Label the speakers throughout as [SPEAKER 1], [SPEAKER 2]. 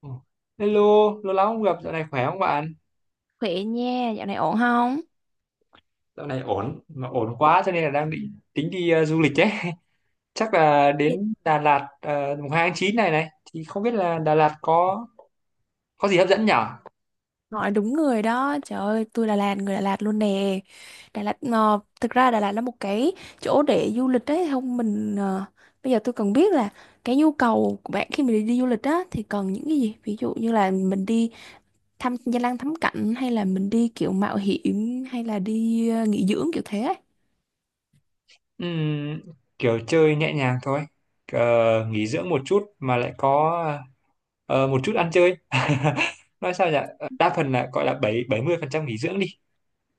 [SPEAKER 1] Ồ, hello, lâu lắm không gặp, dạo này khỏe không bạn?
[SPEAKER 2] Khỏe nha, dạo này ổn không?
[SPEAKER 1] Dạo này ổn, mà ổn quá cho nên là đang định tính đi du lịch đấy. Chắc là
[SPEAKER 2] Dạ,
[SPEAKER 1] đến Đà Lạt mùng 2 tháng 9 này này, thì không biết là Đà Lạt có gì hấp dẫn nhở?
[SPEAKER 2] hỏi đúng người đó, trời ơi, tôi Đà Lạt, người Đà Lạt luôn nè. Đà Lạt, thực ra Đà Lạt là một cái chỗ để du lịch đấy, không mình, bây giờ tôi cần biết là cái nhu cầu của bạn khi mình đi du lịch á, thì cần những cái gì? Ví dụ như là mình đi thăm danh lam thắng cảnh, hay là mình đi kiểu mạo hiểm, hay là đi nghỉ dưỡng kiểu thế ấy.
[SPEAKER 1] Ừm, kiểu chơi nhẹ nhàng thôi. Ờ, nghỉ dưỡng một chút mà lại có một chút ăn chơi. Nói sao nhỉ? Đa phần là gọi là bảy bảy mươi phần trăm nghỉ dưỡng đi.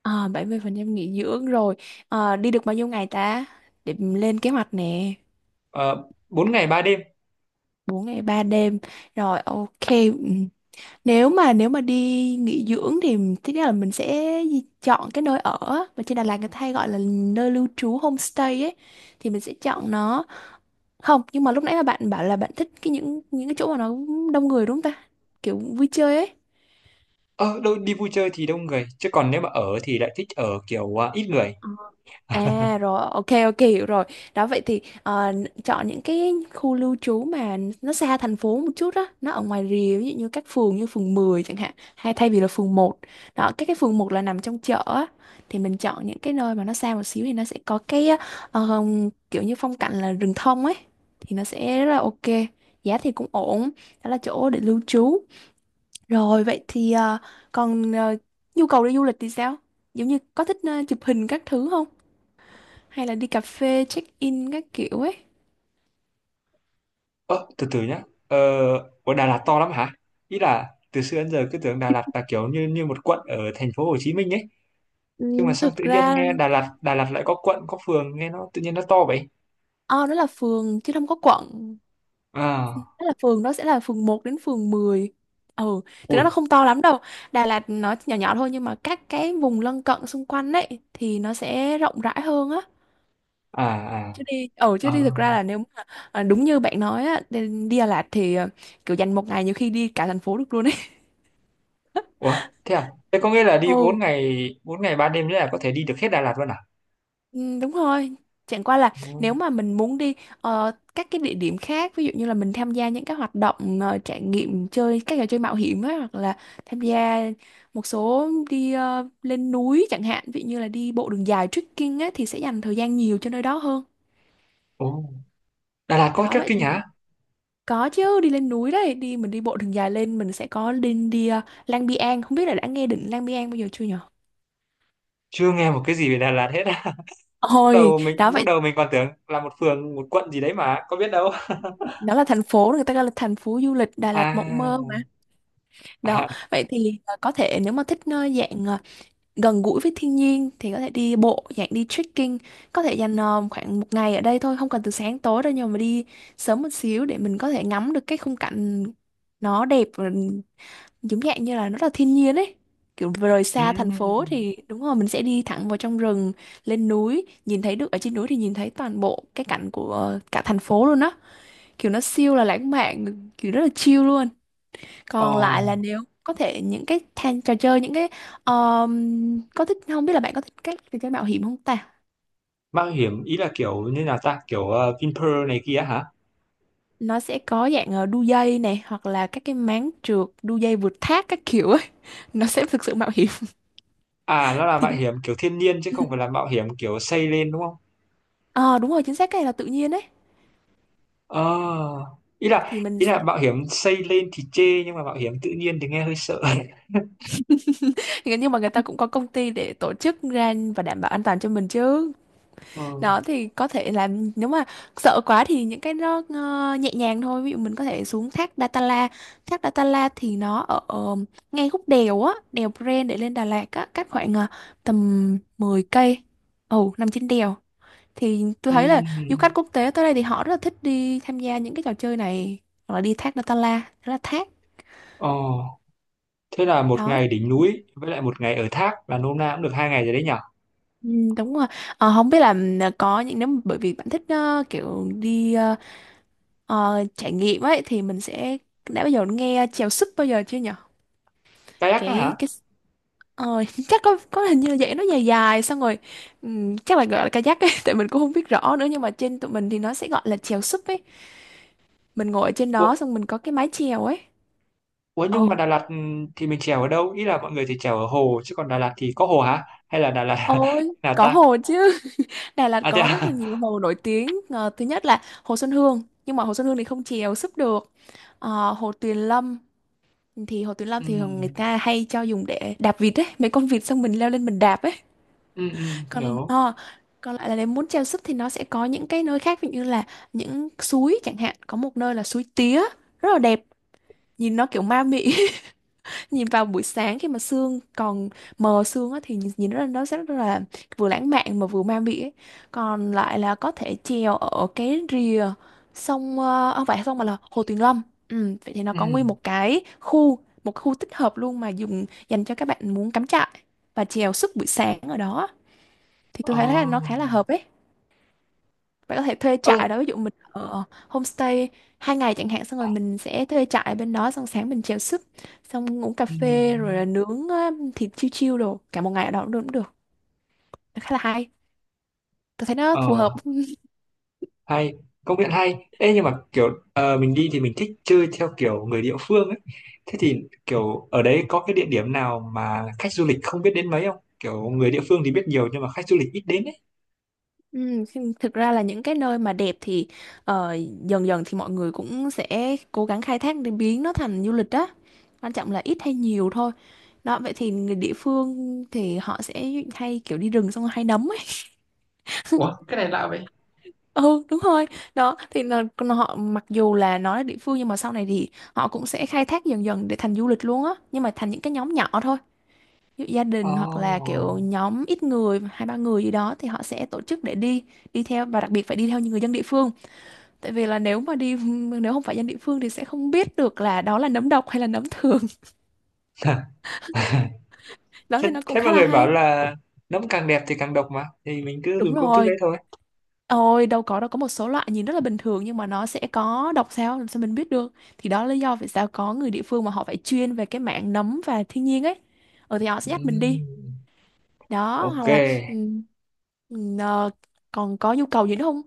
[SPEAKER 2] À, 70% nghỉ dưỡng rồi. Ờ, đi được bao nhiêu ngày ta? Để mình lên kế hoạch nè.
[SPEAKER 1] Ờ, 4 ngày 3 đêm.
[SPEAKER 2] 4 ngày 3 đêm. Rồi, ok. Nếu mà đi nghỉ dưỡng thì thứ nhất là mình sẽ chọn cái nơi ở á, mà trên Đà Lạt người ta hay gọi là nơi lưu trú homestay ấy thì mình sẽ chọn nó. Không, nhưng mà lúc nãy là bạn bảo là bạn thích cái những cái chỗ mà nó đông người đúng không ta? Kiểu vui chơi ấy.
[SPEAKER 1] Ờ, đâu, đi vui chơi thì đông người, chứ còn nếu mà ở thì lại thích ở kiểu ít người.
[SPEAKER 2] À rồi, ok ok hiểu rồi. Đó vậy thì chọn những cái khu lưu trú mà nó xa thành phố một chút đó, nó ở ngoài rìa ví dụ như các phường như phường 10 chẳng hạn, hay thay vì là phường 1. Đó, các cái phường 1 là nằm trong chợ á thì mình chọn những cái nơi mà nó xa một xíu thì nó sẽ có cái ờ, kiểu như phong cảnh là rừng thông ấy thì nó sẽ rất là ok. Giá thì cũng ổn, đó là chỗ để lưu trú. Rồi vậy thì còn nhu cầu đi du lịch thì sao? Giống như có thích chụp hình các thứ không? Hay là đi cà phê check in các kiểu ấy.
[SPEAKER 1] Ơ, từ từ nhá. Ờ, ở Đà Lạt to lắm hả? Ý là từ xưa đến giờ cứ tưởng Đà Lạt là kiểu như như một quận ở thành phố Hồ Chí Minh ấy.
[SPEAKER 2] Ừ,
[SPEAKER 1] Nhưng mà xong
[SPEAKER 2] thực
[SPEAKER 1] tự nhiên
[SPEAKER 2] ra
[SPEAKER 1] nghe Đà Lạt, Đà Lạt lại có quận, có phường, nghe nó tự nhiên nó to vậy.
[SPEAKER 2] O đó là phường chứ không có quận. Đó
[SPEAKER 1] À.
[SPEAKER 2] là phường đó sẽ là phường 1 đến phường 10. Ừ, thực ra
[SPEAKER 1] Ui.
[SPEAKER 2] nó không to lắm đâu. Đà Lạt nó nhỏ nhỏ thôi nhưng mà các cái vùng lân cận xung quanh ấy thì nó sẽ rộng rãi hơn á.
[SPEAKER 1] À, à,
[SPEAKER 2] Chứ đi ở chứ
[SPEAKER 1] à.
[SPEAKER 2] đi thực ra là nếu mà đúng như bạn nói á, đi đi Đà Lạt thì kiểu dành một ngày nhiều khi đi cả thành phố được luôn ấy.
[SPEAKER 1] Ủa, thế à? Thế có nghĩa là đi bốn
[SPEAKER 2] Ừ.
[SPEAKER 1] ngày, bốn ngày 3 đêm nữa là có thể đi được hết Đà Lạt luôn à?
[SPEAKER 2] Ừ, đúng rồi. Chẳng qua là
[SPEAKER 1] Ừ.
[SPEAKER 2] nếu mà mình muốn đi các cái địa điểm khác, ví dụ như là mình tham gia những cái hoạt động trải nghiệm chơi các trò chơi mạo hiểm á, hoặc là tham gia một số đi lên núi chẳng hạn, ví dụ như là đi bộ đường dài trekking á thì sẽ dành thời gian nhiều cho nơi đó hơn.
[SPEAKER 1] Ồ, Đà Lạt có
[SPEAKER 2] Đó vậy
[SPEAKER 1] trekking
[SPEAKER 2] thì
[SPEAKER 1] hả?
[SPEAKER 2] có chứ, đi lên núi đấy, mình đi bộ đường dài lên mình sẽ có đi đi ờ, Lang Biang, không biết là đã nghe đỉnh Lang Biang bao giờ chưa nhở?
[SPEAKER 1] Chưa nghe một cái gì về Đà Lạt hết á. Lúc
[SPEAKER 2] Ôi,
[SPEAKER 1] đầu mình
[SPEAKER 2] đó
[SPEAKER 1] lúc
[SPEAKER 2] vậy
[SPEAKER 1] đầu mình còn tưởng là một phường, một quận gì đấy mà, có biết đâu.
[SPEAKER 2] đó là thành phố người ta gọi là thành phố du lịch Đà Lạt mộng mơ.
[SPEAKER 1] À,
[SPEAKER 2] Đó,
[SPEAKER 1] à,
[SPEAKER 2] vậy thì có thể nếu mà thích dạng gần gũi với thiên nhiên thì có thể đi bộ, dạng đi trekking, có thể dành khoảng một ngày ở đây thôi, không cần từ sáng tối đâu nhưng mà đi sớm một xíu để mình có thể ngắm được cái khung cảnh nó đẹp và giống dạng như là nó là thiên nhiên ấy. Kiểu vừa rời
[SPEAKER 1] ừ.
[SPEAKER 2] xa thành phố thì đúng rồi mình sẽ đi thẳng vào trong rừng, lên núi, nhìn thấy được ở trên núi thì nhìn thấy toàn bộ cái cảnh của cả thành phố luôn á. Kiểu nó siêu là lãng mạn, kiểu rất là chill luôn.
[SPEAKER 1] Ồ,
[SPEAKER 2] Còn lại là nếu có thể những cái than trò chơi những cái um, có thích không biết là bạn có thích các trò chơi mạo hiểm không ta?
[SPEAKER 1] mạo hiểm ý là kiểu như là ta kiểu Vinpearl này kia hả?
[SPEAKER 2] Nó sẽ có dạng đu dây này hoặc là các cái máng trượt, đu dây vượt thác các kiểu ấy, nó sẽ thực sự mạo hiểm
[SPEAKER 1] À, nó là
[SPEAKER 2] thì
[SPEAKER 1] mạo
[SPEAKER 2] đi.
[SPEAKER 1] hiểm kiểu thiên nhiên chứ
[SPEAKER 2] Ừ.
[SPEAKER 1] không phải là mạo hiểm kiểu xây lên đúng không?
[SPEAKER 2] Ờ đúng rồi, chính xác cái này là tự nhiên ấy.
[SPEAKER 1] Ờ, ý là
[SPEAKER 2] Thì mình
[SPEAKER 1] ý là
[SPEAKER 2] sẽ
[SPEAKER 1] mạo hiểm xây lên thì chê nhưng mà mạo hiểm tự nhiên thì nghe hơi sợ.
[SPEAKER 2] nhưng mà người ta cũng có công ty để tổ chức ra và đảm bảo an toàn cho mình chứ.
[SPEAKER 1] Ờ,
[SPEAKER 2] Đó thì có thể là nếu mà sợ quá thì những cái nó nhẹ nhàng thôi, ví dụ mình có thể xuống thác Datala. Thác Datala thì nó ở ngay khúc đèo á, đèo Pren để lên Đà Lạt á, cách khoảng tầm 10 cây, ồ nằm trên đèo, thì tôi thấy là du
[SPEAKER 1] ừm,
[SPEAKER 2] khách quốc tế tới đây thì họ rất là thích đi tham gia những cái trò chơi này, hoặc là đi thác Datala, đó là thác
[SPEAKER 1] Ồ, thế là một
[SPEAKER 2] đó.
[SPEAKER 1] ngày đỉnh núi với lại một ngày ở thác là nôm na cũng được 2 ngày rồi đấy nhở?
[SPEAKER 2] Ừ, đúng rồi. Ờ, không biết là ừ, có những nếu mà- bởi vì bạn thích kiểu đi trải nghiệm ấy thì mình sẽ đã bao giờ nghe chèo súp bao giờ chưa nhở?
[SPEAKER 1] Kayak á hả?
[SPEAKER 2] Cái ờ, chắc có hình như là vậy nó dài dài xong rồi chắc là gọi là kayak ấy. Tại mình cũng không biết rõ nữa nhưng mà trên tụi mình thì nó sẽ gọi là chèo súp ấy, mình ngồi ở trên
[SPEAKER 1] Ủa,
[SPEAKER 2] đó xong mình có cái mái chèo ấy.
[SPEAKER 1] ủa, nhưng mà
[SPEAKER 2] Ừ,
[SPEAKER 1] Đà Lạt thì mình chèo ở đâu? Ý là mọi người thì chèo ở hồ chứ còn Đà Lạt thì có hồ hả? Hay là Đà Lạt
[SPEAKER 2] ôi
[SPEAKER 1] là
[SPEAKER 2] có
[SPEAKER 1] ta?
[SPEAKER 2] hồ chứ. Đà Lạt
[SPEAKER 1] À, thế
[SPEAKER 2] có
[SPEAKER 1] à?
[SPEAKER 2] rất là nhiều hồ nổi tiếng. Ờ, thứ nhất là hồ Xuân Hương nhưng mà hồ Xuân Hương thì không chèo súp được. Ờ, hồ Tuyền Lâm thì Hồ Tuyến Lâm thì thường người
[SPEAKER 1] Ừm.
[SPEAKER 2] ta hay cho dùng để đạp vịt ấy, mấy con vịt xong mình leo lên mình đạp ấy.
[SPEAKER 1] Ừ, ừ,
[SPEAKER 2] Còn
[SPEAKER 1] hiểu.
[SPEAKER 2] còn lại là nếu muốn treo súp thì nó sẽ có những cái nơi khác, ví dụ như là những suối chẳng hạn, có một nơi là suối tía rất là đẹp, nhìn nó kiểu ma mị, nhìn vào buổi sáng khi mà sương còn mờ sương á, thì nhìn nhìn nó rất là vừa lãng mạn mà vừa ma mị ấy. Còn lại là có thể chèo ở cái rìa sông không phải sông mà là Hồ Tuyền Lâm. Ừ, vậy thì nó
[SPEAKER 1] Ừ.
[SPEAKER 2] có nguyên một cái khu, một khu tích hợp luôn mà dùng dành cho các bạn muốn cắm trại và chèo suốt buổi sáng ở đó, thì tôi
[SPEAKER 1] Ờ.
[SPEAKER 2] thấy là nó khá là hợp ấy. Bạn có thể thuê
[SPEAKER 1] Ơ.
[SPEAKER 2] trại đó, ví dụ mình ở homestay 2 ngày chẳng hạn xong rồi mình sẽ thuê trại ở bên đó, xong sáng mình chèo súp, xong uống cà
[SPEAKER 1] Ừ.
[SPEAKER 2] phê rồi là nướng thịt chiêu chiêu đồ cả một ngày ở đó cũng được cũng được. Khá là hay, tôi thấy nó phù hợp.
[SPEAKER 1] ờ hay, công nhận hay. Ê, nhưng mà kiểu mình đi thì mình thích chơi theo kiểu người địa phương ấy. Thế thì kiểu ở đấy có cái địa điểm nào mà khách du lịch không biết đến mấy không, kiểu người địa phương thì biết nhiều nhưng mà khách du lịch ít đến ấy?
[SPEAKER 2] Ừ, thực ra là những cái nơi mà đẹp thì ờ, dần dần thì mọi người cũng sẽ cố gắng khai thác để biến nó thành du lịch đó, quan trọng là ít hay nhiều thôi. Đó vậy thì người địa phương thì họ sẽ hay kiểu đi rừng xong rồi hay nấm ấy.
[SPEAKER 1] Ủa, cái này lạ vậy.
[SPEAKER 2] Ừ đúng rồi. Đó thì là họ mặc dù là nó là địa phương nhưng mà sau này thì họ cũng sẽ khai thác dần dần để thành du lịch luôn á, nhưng mà thành những cái nhóm nhỏ thôi, ví dụ gia
[SPEAKER 1] Ồ.
[SPEAKER 2] đình hoặc là kiểu nhóm ít người, hai ba người gì đó thì họ sẽ tổ chức để đi đi theo và đặc biệt phải đi theo những người dân địa phương, tại vì là nếu mà đi nếu không phải dân địa phương thì sẽ không biết được là đó là nấm độc hay là nấm thường. Đó
[SPEAKER 1] thế,
[SPEAKER 2] thì nó cũng
[SPEAKER 1] thế
[SPEAKER 2] khá
[SPEAKER 1] mọi
[SPEAKER 2] là
[SPEAKER 1] người bảo
[SPEAKER 2] hay.
[SPEAKER 1] là nấm càng đẹp thì càng độc mà, thì mình cứ
[SPEAKER 2] Đúng
[SPEAKER 1] dùng công thức
[SPEAKER 2] rồi.
[SPEAKER 1] đấy thôi.
[SPEAKER 2] Ôi đâu có một số loại nhìn rất là bình thường nhưng mà nó sẽ có độc, sao làm sao mình biết được, thì đó là lý do vì sao có người địa phương mà họ phải chuyên về cái mảng nấm và thiên nhiên ấy. Ờ thì họ sẽ dắt mình đi.
[SPEAKER 1] Ừm,
[SPEAKER 2] Đó
[SPEAKER 1] ok.
[SPEAKER 2] hoặc là ừ, ừ, ờ, còn có nhu cầu gì nữa không?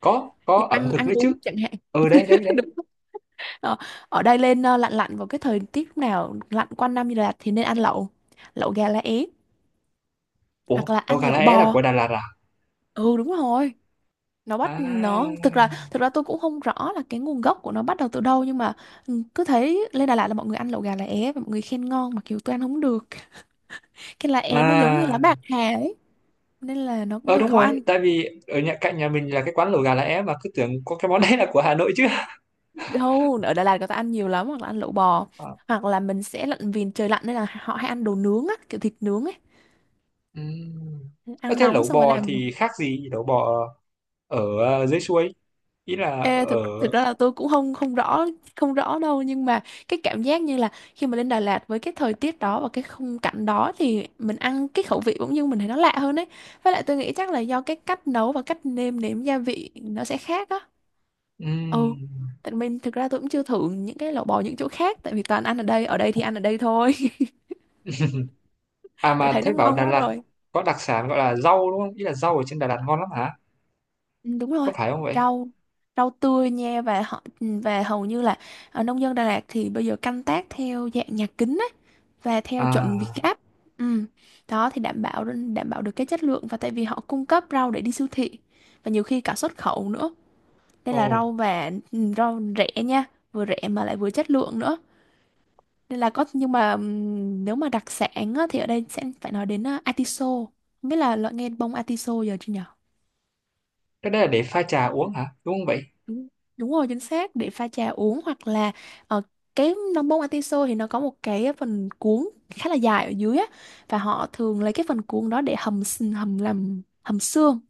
[SPEAKER 1] có
[SPEAKER 2] Như
[SPEAKER 1] có ẩm
[SPEAKER 2] ăn
[SPEAKER 1] thực
[SPEAKER 2] ăn
[SPEAKER 1] nữa
[SPEAKER 2] uống
[SPEAKER 1] chứ.
[SPEAKER 2] chẳng hạn.
[SPEAKER 1] Ừ, đấy đấy đấy.
[SPEAKER 2] Đúng không? Ờ, ở đây lên lạnh lạnh vào cái thời tiết lúc nào lạnh quanh năm như là thì nên ăn lẩu lẩu gà lá é,
[SPEAKER 1] Ủa,
[SPEAKER 2] hoặc là
[SPEAKER 1] đâu
[SPEAKER 2] ăn
[SPEAKER 1] gà lá
[SPEAKER 2] lẩu
[SPEAKER 1] é là
[SPEAKER 2] bò.
[SPEAKER 1] của Đà Lạt à?
[SPEAKER 2] Ừ, đúng rồi. Nó bắt
[SPEAKER 1] À,
[SPEAKER 2] nó Thực ra tôi cũng không rõ là cái nguồn gốc của nó bắt đầu từ đâu, nhưng mà cứ thấy lên Đà Lạt là mọi người ăn lẩu gà lá é và mọi người khen ngon, mặc dù tôi ăn không được. Cái lá é nó giống như lá
[SPEAKER 1] à,
[SPEAKER 2] bạc hà ấy, nên là nó cũng
[SPEAKER 1] ờ,
[SPEAKER 2] hơi
[SPEAKER 1] đúng
[SPEAKER 2] khó
[SPEAKER 1] rồi,
[SPEAKER 2] ăn.
[SPEAKER 1] tại vì ở nhà cạnh nhà mình là cái quán lẩu gà lá é mà cứ tưởng có cái món đấy là của Hà Nội chứ.
[SPEAKER 2] Đâu, ở Đà Lạt người ta ăn nhiều lắm, hoặc là ăn lẩu bò,
[SPEAKER 1] À,
[SPEAKER 2] hoặc là mình sẽ lặn vì trời lạnh, nên là họ hay ăn đồ nướng á, kiểu thịt nướng ấy.
[SPEAKER 1] ừm. Ờ,
[SPEAKER 2] Ăn
[SPEAKER 1] thế
[SPEAKER 2] nóng
[SPEAKER 1] lẩu
[SPEAKER 2] xong rồi
[SPEAKER 1] bò thì
[SPEAKER 2] làm.
[SPEAKER 1] khác gì lẩu bò ở dưới suối, ý là ở
[SPEAKER 2] Ê, thực thực ra là tôi cũng không không rõ, không rõ đâu, nhưng mà cái cảm giác như là khi mà lên Đà Lạt với cái thời tiết đó và cái khung cảnh đó thì mình ăn cái khẩu vị bỗng nhiên mình thấy nó lạ hơn ấy. Với lại tôi nghĩ chắc là do cái cách nấu và cách nêm nếm gia vị nó sẽ khác á. Ừ,
[SPEAKER 1] ừm.
[SPEAKER 2] tại mình thực ra tôi cũng chưa thử những cái lẩu bò những chỗ khác, tại vì toàn ăn ở đây, ở đây thì ăn ở đây thôi.
[SPEAKER 1] À
[SPEAKER 2] Tôi
[SPEAKER 1] mà
[SPEAKER 2] thấy
[SPEAKER 1] thế
[SPEAKER 2] nó
[SPEAKER 1] bảo
[SPEAKER 2] ngon
[SPEAKER 1] Đà
[SPEAKER 2] quá
[SPEAKER 1] Lạt
[SPEAKER 2] rồi.
[SPEAKER 1] có đặc sản gọi là rau đúng không, ý là rau ở trên Đà Lạt ngon lắm hả?
[SPEAKER 2] Ừ, đúng rồi.
[SPEAKER 1] Có phải không vậy?
[SPEAKER 2] Rau, rau tươi nha, và họ và hầu như là ở nông dân Đà Lạt thì bây giờ canh tác theo dạng nhà kính và theo chuẩn Việt
[SPEAKER 1] À.
[SPEAKER 2] Gáp. Ừ. Đó thì đảm bảo, đảm bảo được cái chất lượng, và tại vì họ cung cấp rau để đi siêu thị và nhiều khi cả xuất khẩu nữa, nên
[SPEAKER 1] Ồ,
[SPEAKER 2] là rau và rau rẻ nha, vừa rẻ mà lại vừa chất lượng nữa. Nên là có, nhưng mà nếu mà đặc sản á, thì ở đây sẽ phải nói đến atiso. Không biết là loại nghe bông atiso giờ chưa nhỉ?
[SPEAKER 1] cái đấy là để pha trà uống hả, đúng không vậy?
[SPEAKER 2] Đúng, đúng rồi, chính xác, để pha trà uống, hoặc là ờ, cái nón bông atiso thì nó có một cái phần cuốn khá là dài ở dưới á, và họ thường lấy cái phần cuốn đó để hầm, làm hầm xương,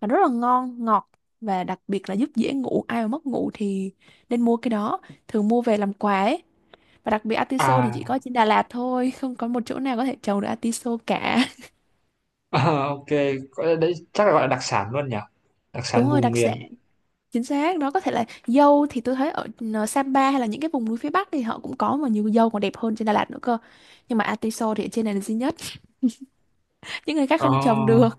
[SPEAKER 2] và rất là ngon ngọt, và đặc biệt là giúp dễ ngủ, ai mà mất ngủ thì nên mua cái đó, thường mua về làm quà ấy. Và đặc biệt atiso thì
[SPEAKER 1] À.
[SPEAKER 2] chỉ có trên Đà Lạt thôi, không có một chỗ nào có thể trồng được atiso cả.
[SPEAKER 1] Ờ, ok. Gọi là đấy chắc là gọi là đặc sản luôn nhỉ, đặc
[SPEAKER 2] Đúng
[SPEAKER 1] sản
[SPEAKER 2] rồi,
[SPEAKER 1] vùng
[SPEAKER 2] đặc
[SPEAKER 1] miền.
[SPEAKER 2] sản, chính xác. Đó có thể là dâu thì tôi thấy ở Sapa hay là những cái vùng núi phía Bắc thì họ cũng có, mà nhiều dâu còn đẹp hơn trên Đà Lạt nữa cơ. Nhưng mà atiso thì ở trên này là duy nhất. Những người khác
[SPEAKER 1] Ờ,
[SPEAKER 2] không trồng được.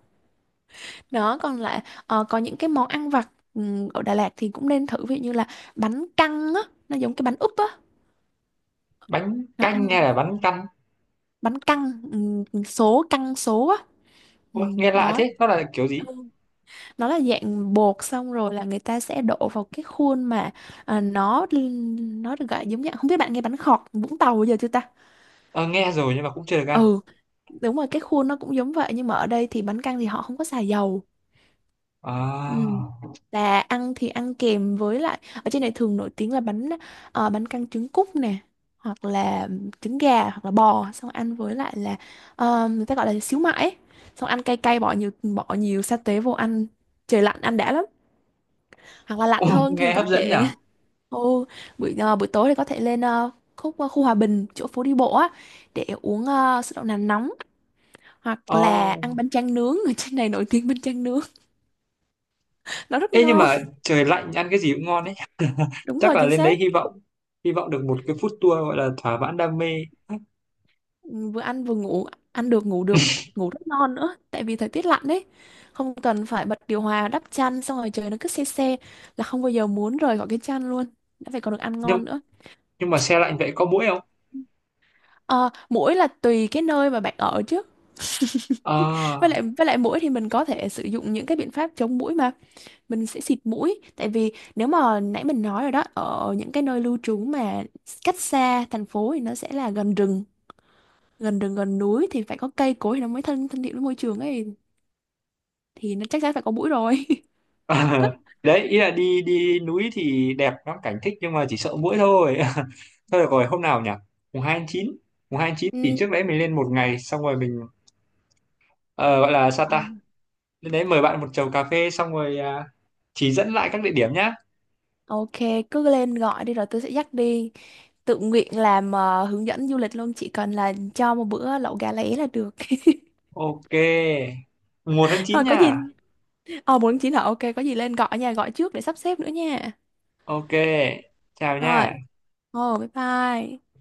[SPEAKER 2] Đó, còn lại có những cái món ăn vặt, ở Đà Lạt thì cũng nên thử, ví dụ như là bánh căn á, nó giống cái bánh úp á.
[SPEAKER 1] bánh
[SPEAKER 2] Nó ăn,
[SPEAKER 1] canh hay là bánh căn?
[SPEAKER 2] bánh căn, số căn số á.
[SPEAKER 1] Ôi, nghe lạ
[SPEAKER 2] Đó.
[SPEAKER 1] thế, nó là kiểu
[SPEAKER 2] Ừ.
[SPEAKER 1] gì?
[SPEAKER 2] Nó là dạng bột xong rồi là người ta sẽ đổ vào cái khuôn mà ờ, nó nó được gọi giống như, không biết bạn nghe bánh khọt Vũng Tàu giờ chưa ta.
[SPEAKER 1] Ờ, nghe rồi nhưng mà cũng chưa được ăn.
[SPEAKER 2] Ừ, đúng rồi, cái khuôn nó cũng giống vậy, nhưng mà ở đây thì bánh căn thì họ không có xài dầu.
[SPEAKER 1] À.
[SPEAKER 2] Ừ. Là ăn thì ăn kèm với lại ở trên này thường nổi tiếng là bánh, bánh căn trứng cút nè, hoặc là trứng gà, hoặc là bò, xong ăn với lại là người ta gọi là xíu mại ấy. Xong ăn cay cay, bỏ nhiều sa tế vô ăn, trời lạnh ăn đã lắm. Hoặc là lạnh hơn thì
[SPEAKER 1] Nghe
[SPEAKER 2] có
[SPEAKER 1] hấp dẫn nhỉ.
[SPEAKER 2] thể Ồ, buổi buổi tối thì có thể lên khúc khu Hòa Bình, chỗ phố đi bộ á, để uống sữa đậu nành nóng, hoặc
[SPEAKER 1] Ờ,
[SPEAKER 2] là ăn bánh tráng nướng, ở trên này nổi tiếng bánh tráng nướng. Nó rất
[SPEAKER 1] ê, nhưng
[SPEAKER 2] ngon.
[SPEAKER 1] mà trời lạnh ăn cái gì cũng ngon đấy.
[SPEAKER 2] Đúng
[SPEAKER 1] Chắc
[SPEAKER 2] rồi,
[SPEAKER 1] là
[SPEAKER 2] chính
[SPEAKER 1] lên đấy
[SPEAKER 2] xác.
[SPEAKER 1] hy vọng được một cái food tour gọi là thỏa mãn đam mê.
[SPEAKER 2] Ừ, vừa ăn vừa ngủ, ăn được ngủ được, ngủ rất ngon nữa tại vì thời tiết lạnh đấy, không cần phải bật điều hòa, đắp chăn xong rồi trời nó cứ se se, là không bao giờ muốn rời khỏi cái chăn luôn, đã phải còn được ăn
[SPEAKER 1] nhưng
[SPEAKER 2] ngon nữa.
[SPEAKER 1] nhưng mà xe lạnh vậy có muỗi không?
[SPEAKER 2] Ờ, muỗi là tùy cái nơi mà bạn ở chứ.
[SPEAKER 1] Ờ.
[SPEAKER 2] Với lại muỗi thì mình có thể sử dụng những cái biện pháp chống muỗi mà, mình sẽ xịt mũi. Tại vì nếu mà nãy mình nói rồi đó, ở những cái nơi lưu trú mà cách xa thành phố thì nó sẽ là gần rừng, gần rừng gần núi, thì phải có cây cối thì nó mới thân thân thiện với môi trường ấy, thì nó chắc chắn phải có mũi rồi.
[SPEAKER 1] Ờ, đấy, ý là đi đi núi thì đẹp lắm, cảnh thích, nhưng mà chỉ sợ muỗi thôi. Thôi được rồi, hôm nào nhỉ? Mùng hai tháng chín mùng hai tháng chín thì
[SPEAKER 2] Ừ.
[SPEAKER 1] trước đấy mình lên một ngày xong rồi mình ờ, gọi là sao
[SPEAKER 2] Ờ.
[SPEAKER 1] ta, lên đấy mời bạn một chầu cà phê xong rồi, à, chỉ dẫn lại các địa điểm nhá.
[SPEAKER 2] Ok, cứ lên gọi đi rồi tôi sẽ dắt đi. Tự nguyện làm hướng dẫn du lịch luôn, chỉ cần là cho một bữa lẩu gà lá é là được.
[SPEAKER 1] Ok. mùng 1 tháng 9
[SPEAKER 2] Thôi có gì,
[SPEAKER 1] nha.
[SPEAKER 2] ờ muốn chỉ là ok, có gì lên gọi nha, gọi trước để sắp xếp nữa nha.
[SPEAKER 1] Ok, chào
[SPEAKER 2] Rồi,
[SPEAKER 1] nha.
[SPEAKER 2] ồ, bye bye.